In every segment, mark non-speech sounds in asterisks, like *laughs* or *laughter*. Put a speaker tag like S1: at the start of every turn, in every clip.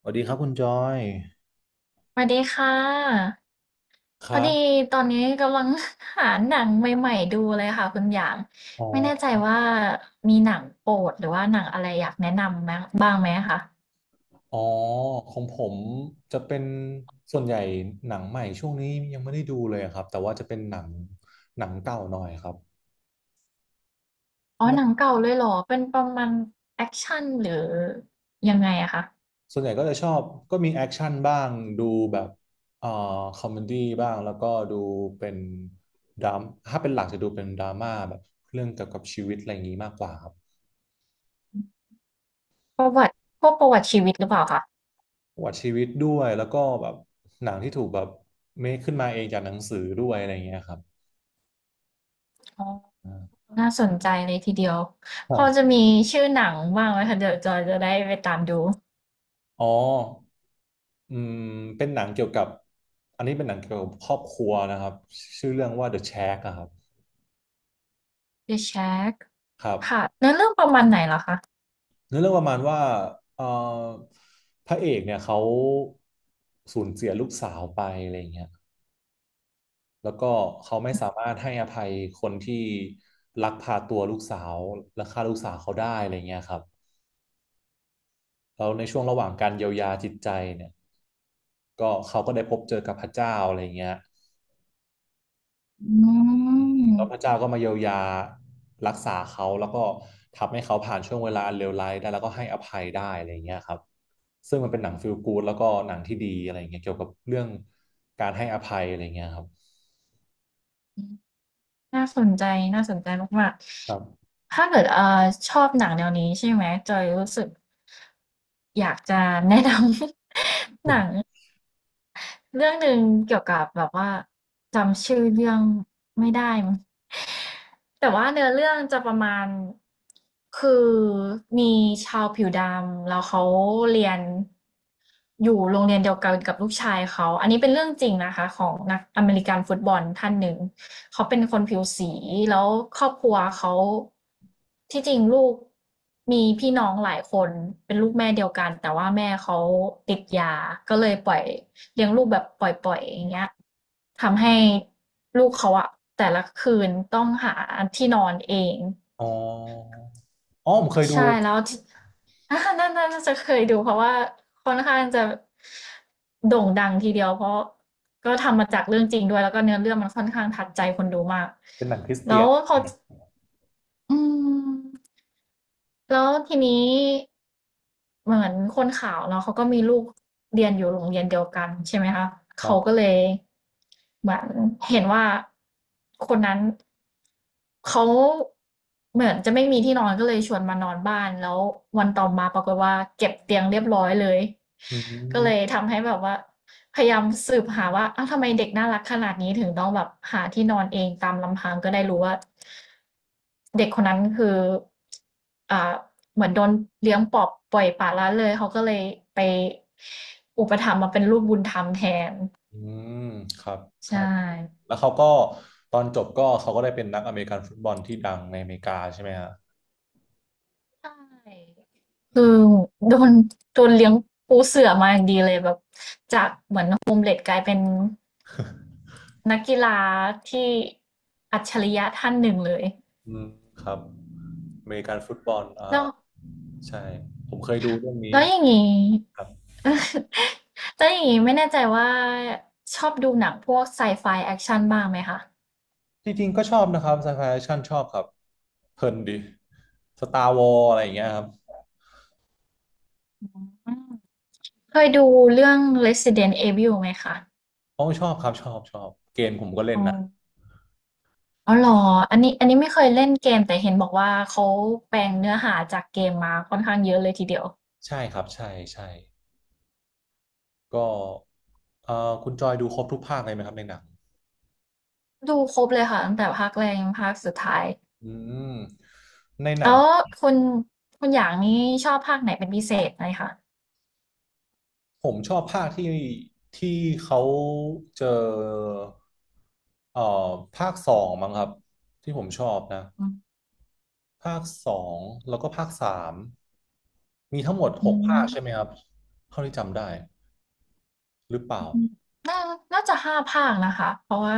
S1: สวัสดีครับคุณจอย
S2: สวัสดีค่ะ
S1: ค
S2: พอ
S1: รั
S2: ดี
S1: บ
S2: ตอนนี้กำลัง *laughs* หาหนังใหม่ๆดูเลยค่ะคุณอย่าง
S1: อ๋อ
S2: ไม่แน่ใจว่ามีหนังโปรดหรือว่าหนังอะไรอยากแนะนำไหมบ้างไหมคะ
S1: อ๋อของผมจะเป็นส่วนใหญ่หนังใหม่ช่วงนี้ยังไม่ได้ดูเลยครับแต่ว่าจะเป็นหนังเก่าหน่อยครับ
S2: อ๋อ
S1: ไม่
S2: หนังเก่าเลยเหรอเป็นประมาณแอคชั่นหรือยังไงอะคะ
S1: ส่วนใหญ่ก็จะชอบก็มีแอคชั่นบ้างดูแบบเอ่อคอมเมดี้บ้างแล้วก็ดูเป็นดรามถ้าเป็นหลักจะดูเป็นดราม่าแบบเรื่องเกี่ยวกับชีวิตอะไรอย่างนี้มากกว่าครับ
S2: ประวัติพวกประวัติชีวิตหรือเปล่าคะ
S1: ประวัติชีวิตด้วยแล้วก็แบบหนังที่ถูกแบบเมคขึ้นมาเองจากหนังสือด้วยอะไรอย่างเงี้ยครับ
S2: อ๋อ
S1: อ่า
S2: น่าสนใจเลยทีเดียว
S1: ค
S2: พ
S1: รั
S2: อจะ
S1: บ
S2: มีชื่อหนังบ้างไหมคะเดี๋ยวจอยจะได้ไปตามดู
S1: อ๋ออืม เป็นหนังเกี่ยวกับอันนี้เป็นหนังเกี่ยวกับครอบครัวนะครับชื่อเรื่องว่า The Shack อะครับ
S2: The Shack
S1: ครั
S2: ค่ะ
S1: บ
S2: เนื้อเรื่องประมาณไหนเหรอคะ
S1: เนื้อเรื่องประมาณว่าเอ่อพระเอกเนี่ยเขาสูญเสียลูกสาวไปอะไรอย่างเงี้ยแล้วก็เขาไม่สามารถให้อภัยคนที่ลักพาตัวลูกสาวและฆ่าลูกสาวเขาได้อะไรเงี้ยครับแล้วในช่วงระหว่างการเยียวยาจิตใจเนี่ย ก็เขาก็ได้พบเจอกับพระเจ้าอะไรเงี้ย
S2: อื
S1: แล้ว
S2: ม
S1: พระเจ้าก็มาเยียวยารักษาเขาแล้วก็ทำให้เขาผ่านช่วงเวลาอันเลวร้ายได้แล้วก็ให้อภัยได้อะไรอย่างเงี้ยครับซึ่งมันเป็นหนังฟีลกู๊ดแล้วก็หนังที่ดีอะไรอย่างเงี้ยเกี่ยวกับเรื่องการให้อภัยอะไรอย่างเงี้ยครับ
S2: น่าสนใจน่าสนใจมาก
S1: ครับ
S2: ๆถ้าเกิดชอบหนังแนวนี้ใช่ไหมจอยรู้สึกอยากจะแนะนำ *laughs* หนัง เรื่องหนึ่งเกี่ยวกับแบบว่าจำชื่อเรื่องไม่ได้มั้งแต่ว่าเนื้อเรื่องจะประมาณคือมีชาวผิวดำแล้วเขาเรียนอยู่โรงเรียนเดียวกันกับลูกชายเขาอันนี้เป็นเรื่องจริงนะคะของนักอเมริกันฟุตบอลท่านหนึ่งเขาเป็นคนผิวสีแล้วครอบครัวเขาที่จริงลูกมีพี่น้องหลายคนเป็นลูกแม่เดียวกันแต่ว่าแม่เขาติดยาก็เลยปล่อย เลี้ยงลูกแบบปล่อยๆอย่างเงี้ยทำให้ลูกเขาอะแต่ละคืนต้องหาที่นอนเอง
S1: อ๋ออ๋อผมเคยดู
S2: ใช่แล้วนัน่น่น่าจะเคยดูเพราะว่าค่อนข้างจะโด่งดังทีเดียวเพราะก็ทำมาจากเรื่องจริงด้วยแล้วก็เนื้อเรื่องมันค่อนข้างทัดใจคนดูมาก
S1: เป็นหนังคริสเตี
S2: แล้
S1: ย
S2: ว
S1: น
S2: พออืมแล้วทีนี้ เหมือนคนขาวเนาะเขาก็มีลูกเรียนอยู่โรงเรียนเดียวกันใช่ไหมคะ
S1: ครั
S2: เขาก็
S1: บ
S2: เลยเหมือนเห็นว่าคนนั้นเขาเหมือนจะไม่มีที่นอนก็เลยชวนมานอนบ้านแล้ววันต่อมาปรากฏว่าเก็บเตียงเรียบร้อยเลย
S1: อื
S2: ก็
S1: ม
S2: เลยทำให้แบบว่า พยายามสืบหาว่าอ้าวทำไมเด็กน่ารักขนาดนี้ถึงต้องแบบหาที่นอนเองตามลำพังก็ได้รู้ว่าเด็กคนนั้นคืออ่าเหมือนโดนเลี้ยงปอบปล่อยปละละเลยเขาก็เลยไปอุปถัมภ์มาเป็นลูกบุญธรรมแทน
S1: อืมครับ
S2: ใช่
S1: ใช่แล้วเขาก็ตอนจบก็เขาก็ได้เป็นนักอเมริกันฟุตบอลที่ดังในอเมริกาใช่ไหมฮะ
S2: ใช่คือโดนโดนเลี้ยงปูเสื่อมาอย่างดีเลยแบบจากเด็กกลายเป็นนักกีฬาที่อัจฉริยะท่านหนึ่งเลย
S1: อืมครับอเมริกันฟุตบอล
S2: แล้ว
S1: ใช่ผมเคยดูเรื่องนี้
S2: แล้วอย่างนี้
S1: ครับ
S2: *laughs* แล้วอย่างนี้ไม่แน่ใจว่าชอบดูหนังพวกไซไฟแอคชั่นบ้างไหมคะ
S1: จริงๆก็ชอบนะครับไซไฟแอคชั่นชอบครับเพลินดีสตาร์วอลอะไรอย่างเงี้ยครับ
S2: อืมเคยดูเรื่อง Resident Evil ไหมคะ
S1: โอ้ชอบครับชอบชอบเกมผมก็เล่
S2: อ๋
S1: น
S2: อ
S1: นะ
S2: อ๋อเหรออันนี้ไม่เคยเล่นเกมแต่เห็นบอกว่าเขาแปลงเนื้อหาจากเกมมาค่อนข้างเยอะเลยทีเดียว
S1: ใช่ครับใช่ใช่ก็คุณจอยดูครบทุกภาคเลยไหมครับในหนัง
S2: ดูครบเลยค่ะตั้งแต่ภาคแรกจนภาคสุดท้าย
S1: อืมในหนั
S2: แล้
S1: ง
S2: วคุณคุณอย่างนี้ชอบภาคไหนเป็นพิเศษไหมคะ
S1: ผมชอบภาคที่เขาเจอเอ่อภาคสองมั้งครับที่ผมชอบนะ ภาคสองแล้วก็ภาคสามมีทั้งหมดห
S2: อื
S1: กภา
S2: ม
S1: คใช่ไหมครับเท่าที่จำได้หรือเป
S2: อื
S1: ล่า
S2: มน่าน่าจะ5ภาคนะคะเพราะว่า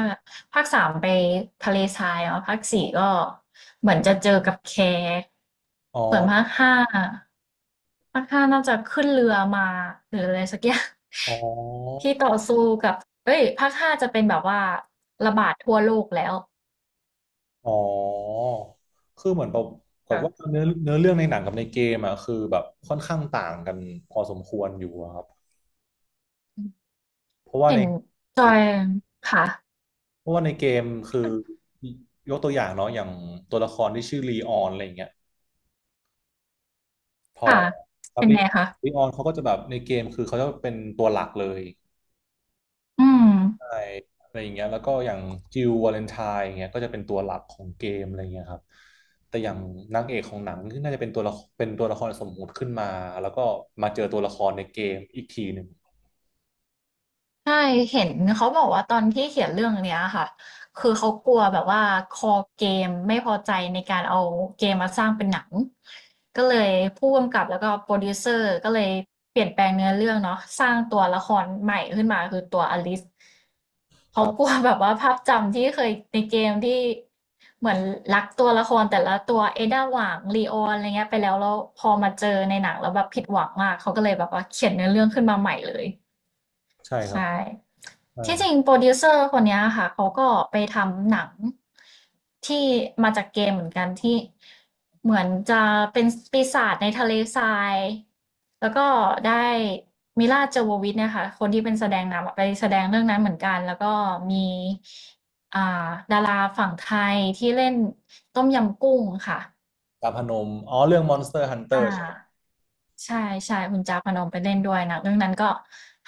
S2: ภาค3ไปทะเลทรายเนาะภาค4ก็เหมือนจะเจอกับแค
S1: อ๋อ
S2: ส่วนภาค5น่าจะขึ้นเรือมาหรืออะไรสักอย่าง
S1: อ๋อ
S2: *laughs* ที่ต่อสู้กับเอ้ยภาค5จะเป็นแบบว่าระบาดทั่วโลกแล้ว
S1: อ๋อคือเหมือนแบบกับว่า
S2: ค่ะ
S1: เนื้อเรื่องในหนังกับในเกมอ่ะคือแบบค่อนข้างต่างกันพอสมควรอยู่อะครับเพราะว่า
S2: เห็
S1: ใน
S2: นจ
S1: ใน
S2: อยค่ะ
S1: เพราะว่าในเกมคือยกตัวอย่างเนาะอย่างตัวละครที่ชื่อลีออนอะไรอย่างเงี้ยพอ
S2: ค่ะ
S1: ครับ
S2: เป็นไงคะ
S1: ลีออนเขาก็จะแบบในเกมคือเขาจะเป็นตัวหลักเลย
S2: อืม
S1: ใช่อะไรอย่างเงี้ยแล้วก็อย่างจิลวาเลนไทน์อย่างเงี้ยก็จะเป็นตัวหลักของเกมอะไรเงี้ยครับแต่อย่างนางเอกของหนังที่น่าจะเป็นตัวละครสมมุติขึ้นมาแล้วก็มาเจอตัวละครในเกมอีกทีหนึ่ง
S2: ใช่เห็นเขาบอกว่าตอนที่เขียนเรื่องเนี้ยค่ะคือเขากลัวแบบว่าคอเกมไม่พอใจในการเอาเกมมาสร้างเป็นหนังก็เลยผู้กำกับแล้วก็โปรดิวเซอร์ก็เลยเปลี่ยนแปลงเนื้อเรื่องเนาะสร้างตัวละครใหม่ขึ้นมาคือตัวอลิซ
S1: ค
S2: เขา
S1: รั
S2: กลัว
S1: บ
S2: แบบว่าภาพจำที่เคยในเกมที่เหมือนรักตัวละครแต่ละตัวเอด้าหว่างลีออนอะไรเงี้ยไปแล้วแล้วพอมาเจอในหนังแล้วแบบผิดหวังมากเขาก็เลยแบบว่าเขียนเนื้อเรื่องขึ้นมาใหม่เลย
S1: ใช่ครับ
S2: ใช่
S1: ใช่
S2: ที่จริงโปรดิวเซอร์คนเนี้ยค่ะเขาก็ไปทำหนังที่มาจากเกมเหมือนกันที่เหมือนจะเป็นปีศาจในทะเลทรายแล้วก็ได้มิลลาโจโววิชเนี่ยค่ะคนที่เป็นแสดงนำอะไปแสดงเรื่องนั้นเหมือนกันแล้วก็มีอ่าดาราฝั่งไทยที่เล่นต้มยำกุ้งค่ะ
S1: ดาบพนมอ๋อเรื่อง Monster Hunter
S2: อ่า
S1: ใช่ไหม
S2: ใช่ๆคุณจาพนมไปเล่นด้วยหนังเรื่องนั้นก็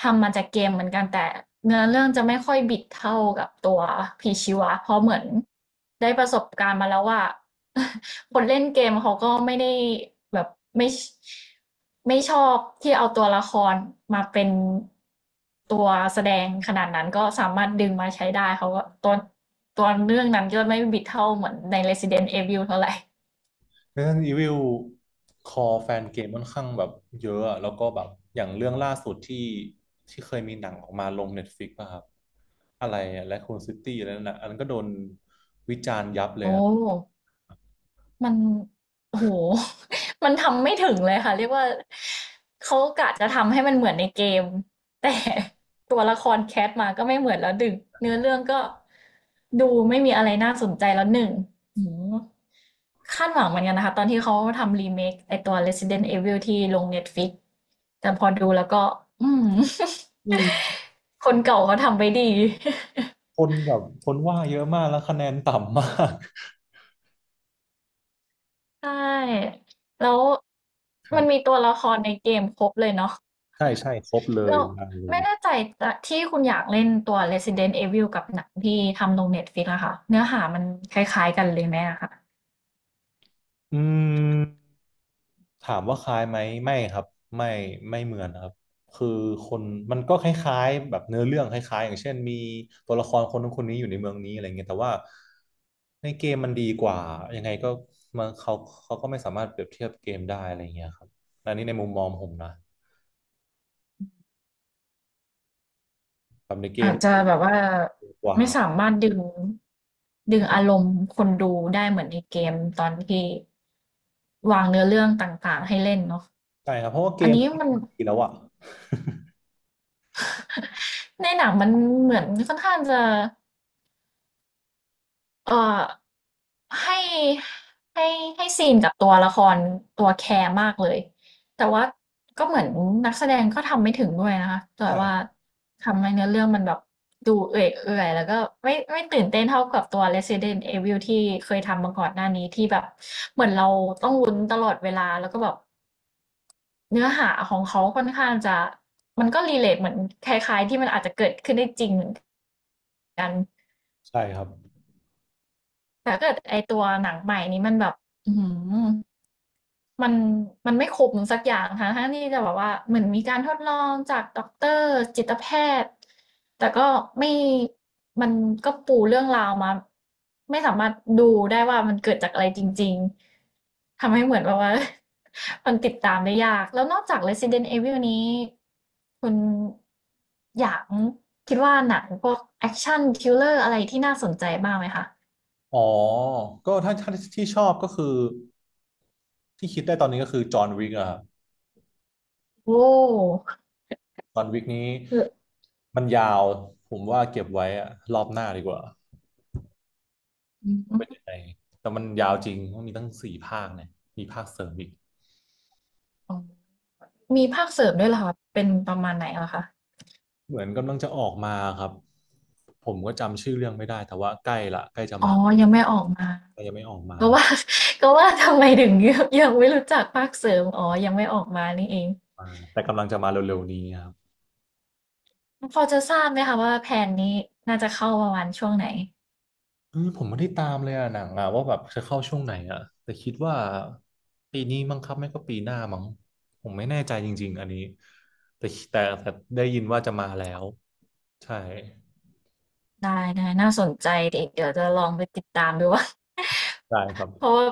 S2: ทำมาจากเกมเหมือนกันแต่เนื้อเรื่องจะไม่ค่อยบิดเท่ากับตัวผีชีวะเพราะเหมือนได้ประสบการณ์มาแล้วว่า *laughs* คนเล่นเกมเขาก็ไม่ได้แบบไม่ไม่ชอบที่เอาตัวละครมาเป็นตัวแสดงขนาดนั้นก็สามารถดึงมาใช้ได้เขาก็ตัวเรื่องนั้นก็ไม่บิดเท่าเหมือนใน Resident Evil เท่าไหร่
S1: Resident Evil คอแฟนเกมค่อนข้างแบบเยอะอะแล้วก็แบบอย่างเรื่องล่าสุดที่เคยมีหนังออกมาลง Netflix ป่ะครับอะไรและคูนซิตี้อะไรนั่นนะอันนั้นก็โดนวิจารณ์ยับ
S2: *laughs*
S1: เลย
S2: โอ้
S1: อะ
S2: มันโอ้โฮ *laughs* มันทำไม่ถึงเลยค่ะเรียกว่าเขากะจะทำให้มันเหมือนในเกม *laughs* แต่ *laughs* ตัวละครแค t มาก็ไม่เหมือนแล้วดึงเนื้อเรื่องก็ดูไม่มีอะไรน่าสนใจแล้ว1อื้อฮือคาดหวังเหมือนกันนะคะตอนที่เขาทำรีเมคไอตัว Resident Evil ที่ลง Netflix แต่พอดูแล้วก็อืม *laughs*
S1: อืม
S2: คนเก่าเขาทำไว้ดี
S1: คนแบบคนว่าเยอะมากแล้วคะแนนต่ำมาก
S2: *laughs* ใช่แล้ว
S1: *laughs* ครั
S2: มันมี
S1: บ
S2: ตัวละครในเกมครบเลยเนาะ
S1: ใช่ใช่ครบเลย
S2: เรา
S1: มาเลย
S2: ไม่แน่ใจแต่ที่คุณอยากเล่นตัว Resident Evil กับหนังที่ทำลง Netflix อะค่ะเนื้อหามันคล้ายๆกันเลยไหมอะค่ะ
S1: อืมถามว่าคล้ายไหมไม่ครับไม่ไม่เหมือนนะครับคือคนมันก็คล้ายๆแบบเนื้อเรื่องคล้ายๆอย่างเช่นมีตัวละครคนนู้นคนนี้อยู่ในเมืองนี้อะไรเงี้ยแต่ว่าในเกมมันดีกว่ายังไงก็มันเขาก็ไม่สามารถเปรียบเทียบเกมได้อะไรเงี้ยครับอันนี้ในมุมมองผมนะแบบในเก
S2: อา
S1: ม
S2: จจะแบบว่า
S1: ดีกว่า
S2: ไม่สามารถดึงอารมณ์คนดูได้เหมือนในเกมตอนที่วางเนื้อเรื่องต่างๆให้เล่นเนาะ
S1: ใช่ครับเพราะว่าเก
S2: อัน
S1: ม *laughs*
S2: นี้
S1: เขา
S2: มัน
S1: ทำมาดีแล้วอะ
S2: ในหนังมันเหมือนค่อนข้างจะ เอ่อให้ให้ซีนกับตัวละครตัวแคร์มากเลยแต่ว่าก็เหมือนนักแสดงก็ทำไม่ถึงด้วยนะคะ
S1: *laughs*
S2: แต่ว่า
S1: ใช่
S2: ทำให้เนื้อเรื่องมันแบบดูเอื่อยเอื่อยแล้วก็ไม่ตื่นเต้นเท่ากับตัว Resident Evil ที่เคยทำมาก่อนหน้านี้ที่แบบเหมือนเราต้องลุ้นตลอดเวลาแล้วก็แบบเนื้อหาของเขาค่อนข้างจะมันก็รีเลทเหมือนคล้ายๆที่มันอาจจะเกิดขึ้นได้จริงเหมือนกัน
S1: ใช่ครับ
S2: แต่ถ้าเกิดไอตัวหนังใหม่นี้มันแบบอือหือ มันมันไม่คุ้มสักอย่างค่ะทั้งที่จะแบบว่าเหมือนมีการทดลองจากด็อกเตอร์จิตแพทย์แต่ก็ไม่มันก็ปูเรื่องราวมาไม่สามารถดูได้ว่ามันเกิดจากอะไรจริงๆทำให้เหมือนแบบว่า *laughs* มันติดตามได้ยากแล้วนอกจาก Resident Evil นี้คุณอยากคิดว่าหนังพวกแอคชันทริลเลอร์อะไรที่น่าสนใจบ้างไหมคะ
S1: อ๋อก็ถ้าที่ชอบก็คือที่คิดได้ตอนนี้ก็คือจอห์นวิกอะครับ
S2: โอ้
S1: จอห์นวิกนี้
S2: คือ
S1: มันยาว ผมว่าเก็บไว้อะรอบหน้าดีกว่า
S2: ื
S1: ว่า
S2: ม
S1: เป็นยังไงแต่มันยาวจริงมันมีตั้งสี่ภาคเนี่ยมีภาคเสริมอีก
S2: อ๋อ มีภาคเสริมด้วยเหรอคะเป็นประมาณไหนเหรอคะ
S1: เหมือนกำลังจะออกมาครับ ผมก็จำชื่อเรื่องไม่ได้แต่ว่าใกล้ละใกล้จะ
S2: อ๋อ
S1: มา
S2: ยังไม่ออกมา
S1: แต่ยังไม่ออกมา
S2: ก็ว่า *laughs* ก็ว่าทำไมถึง *laughs* ยังไม่รู้จักภาคเสริมอ๋อยังไม่ออกมานี่เอง
S1: มาแต่กำลังจะมาเร็วๆนี้ครับ
S2: พอจะทราบไหมคะว่าแผนนี้น่าจะเข้าประมาณช่วงไหน
S1: อืมผมไม่ได้ตามเลยอะหนังอะว่าแบบจะเข้าช่วงไหนอะแต่คิดว่าปีนี้มั้งครับไม่ก็ปีหน้ามั้งผมไม่แน่ใจจริงๆอันนี้แต่ได้ยินว่าจะมาแล้วใช่
S2: ได้ๆน่าสนใจเดี๋ยวจะลองไปติดตามดูว่า
S1: ได้ครับ
S2: *laughs* เพราะว่า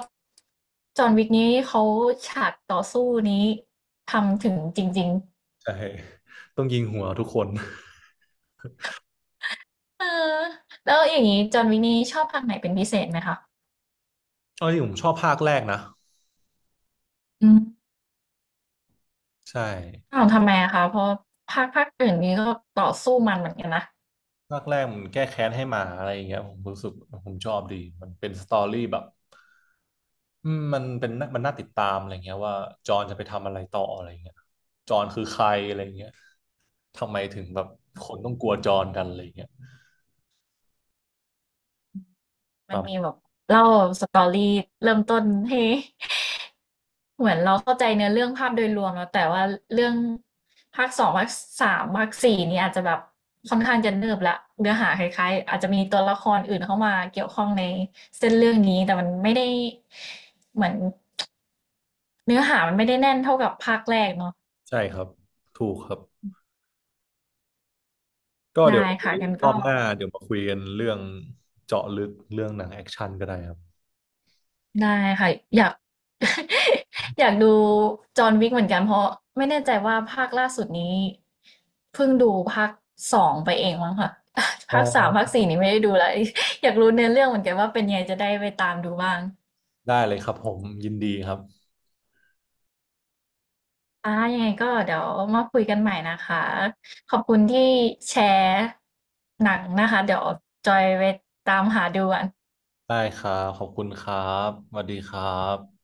S2: จอห์นวิกนี้เขาฉากต่อสู้นี้ทำถึงจริง
S1: ใช่ต้องยิงหัวทุกคน
S2: ๆเออแล้วอย่างนี้จอห์นวิกนี้ชอบภาคไหนเป็นพิเศษไหมคะ
S1: เอาจริงผมชอบภาคแรกนะ
S2: อืม
S1: ใช่
S2: อ้าวทำไมอะคะเพราะภาคอื่นนี้ก็ต่อสู้มันเหมือนกันนะ
S1: ภาคแรกมันแก้แค้นให้หมาอะไรอย่างเงี้ยผมรู้สึกผมชอบดีมันเป็นสตอรี่แบบอืมมันน่าติดตามอะไรเงี้ยว่าจอห์นจะไปทำอะไรต่ออะไรเงี้ยจอห์นคือใครอะไรเงี้ย ทำไมถึงแบบคนต้องกลัวจรกันอะไรอย่างเงี้ย
S2: มัน
S1: ตา
S2: มี
S1: ม
S2: แบบเล่า story เริ่มต้นให้ *laughs* เหมือนเราเข้าใจเนื้อเรื่องภาพโดยรวมแล้วแต่ว่าเรื่องภาคสองภาคสามภาค4นี่อาจจะแบบค่อนข้างจะเนิบละเนื้อหาคล้ายๆอาจจะมีตัวละครอื่นเข้ามาเกี่ยวข้องในเส้นเรื่องนี้แต่มันไม่ได้เหมือนเนื้อหามันไม่ได้แน่นเท่ากับภาคแรกเนาะ
S1: ใช่ครับ ถูกครับ ก็เดี๋ย
S2: ได้
S1: ว
S2: ค่ะงั้น
S1: รอ
S2: ก็
S1: บหน้าเดี๋ยวมาคุยกันเรื่องเจาะลึกเรื่องหนังแอคชั่นก็ได้ครับ
S2: ได้ค่ะอยาก *laughs* อยากดูจอห์นวิกเหมือนกันเพราะไม่แน่ใจว่าภาคล่าสุดนี้เพิ่งดูภาคสองไปเองมั้งค่ะ *laughs*
S1: อ๋
S2: ภาคสามภาค
S1: อ
S2: สี่นี่ไม่ได้ดูแล้ว *laughs* อยากรู้เนื้อเรื่องเหมือนกันว่าเป็นยังไงจะได้ไปตามดูบ้าง
S1: ได้เลยครับผมยินดีครับ
S2: อ่ายังไงก็เดี๋ยวมาคุยกันใหม่นะคะขอบคุณที่แชร์หนังนะคะเดี๋ยวจอยไปตามหาดูกัน
S1: ได้ครับขอบคุณครับสวัสดีครับ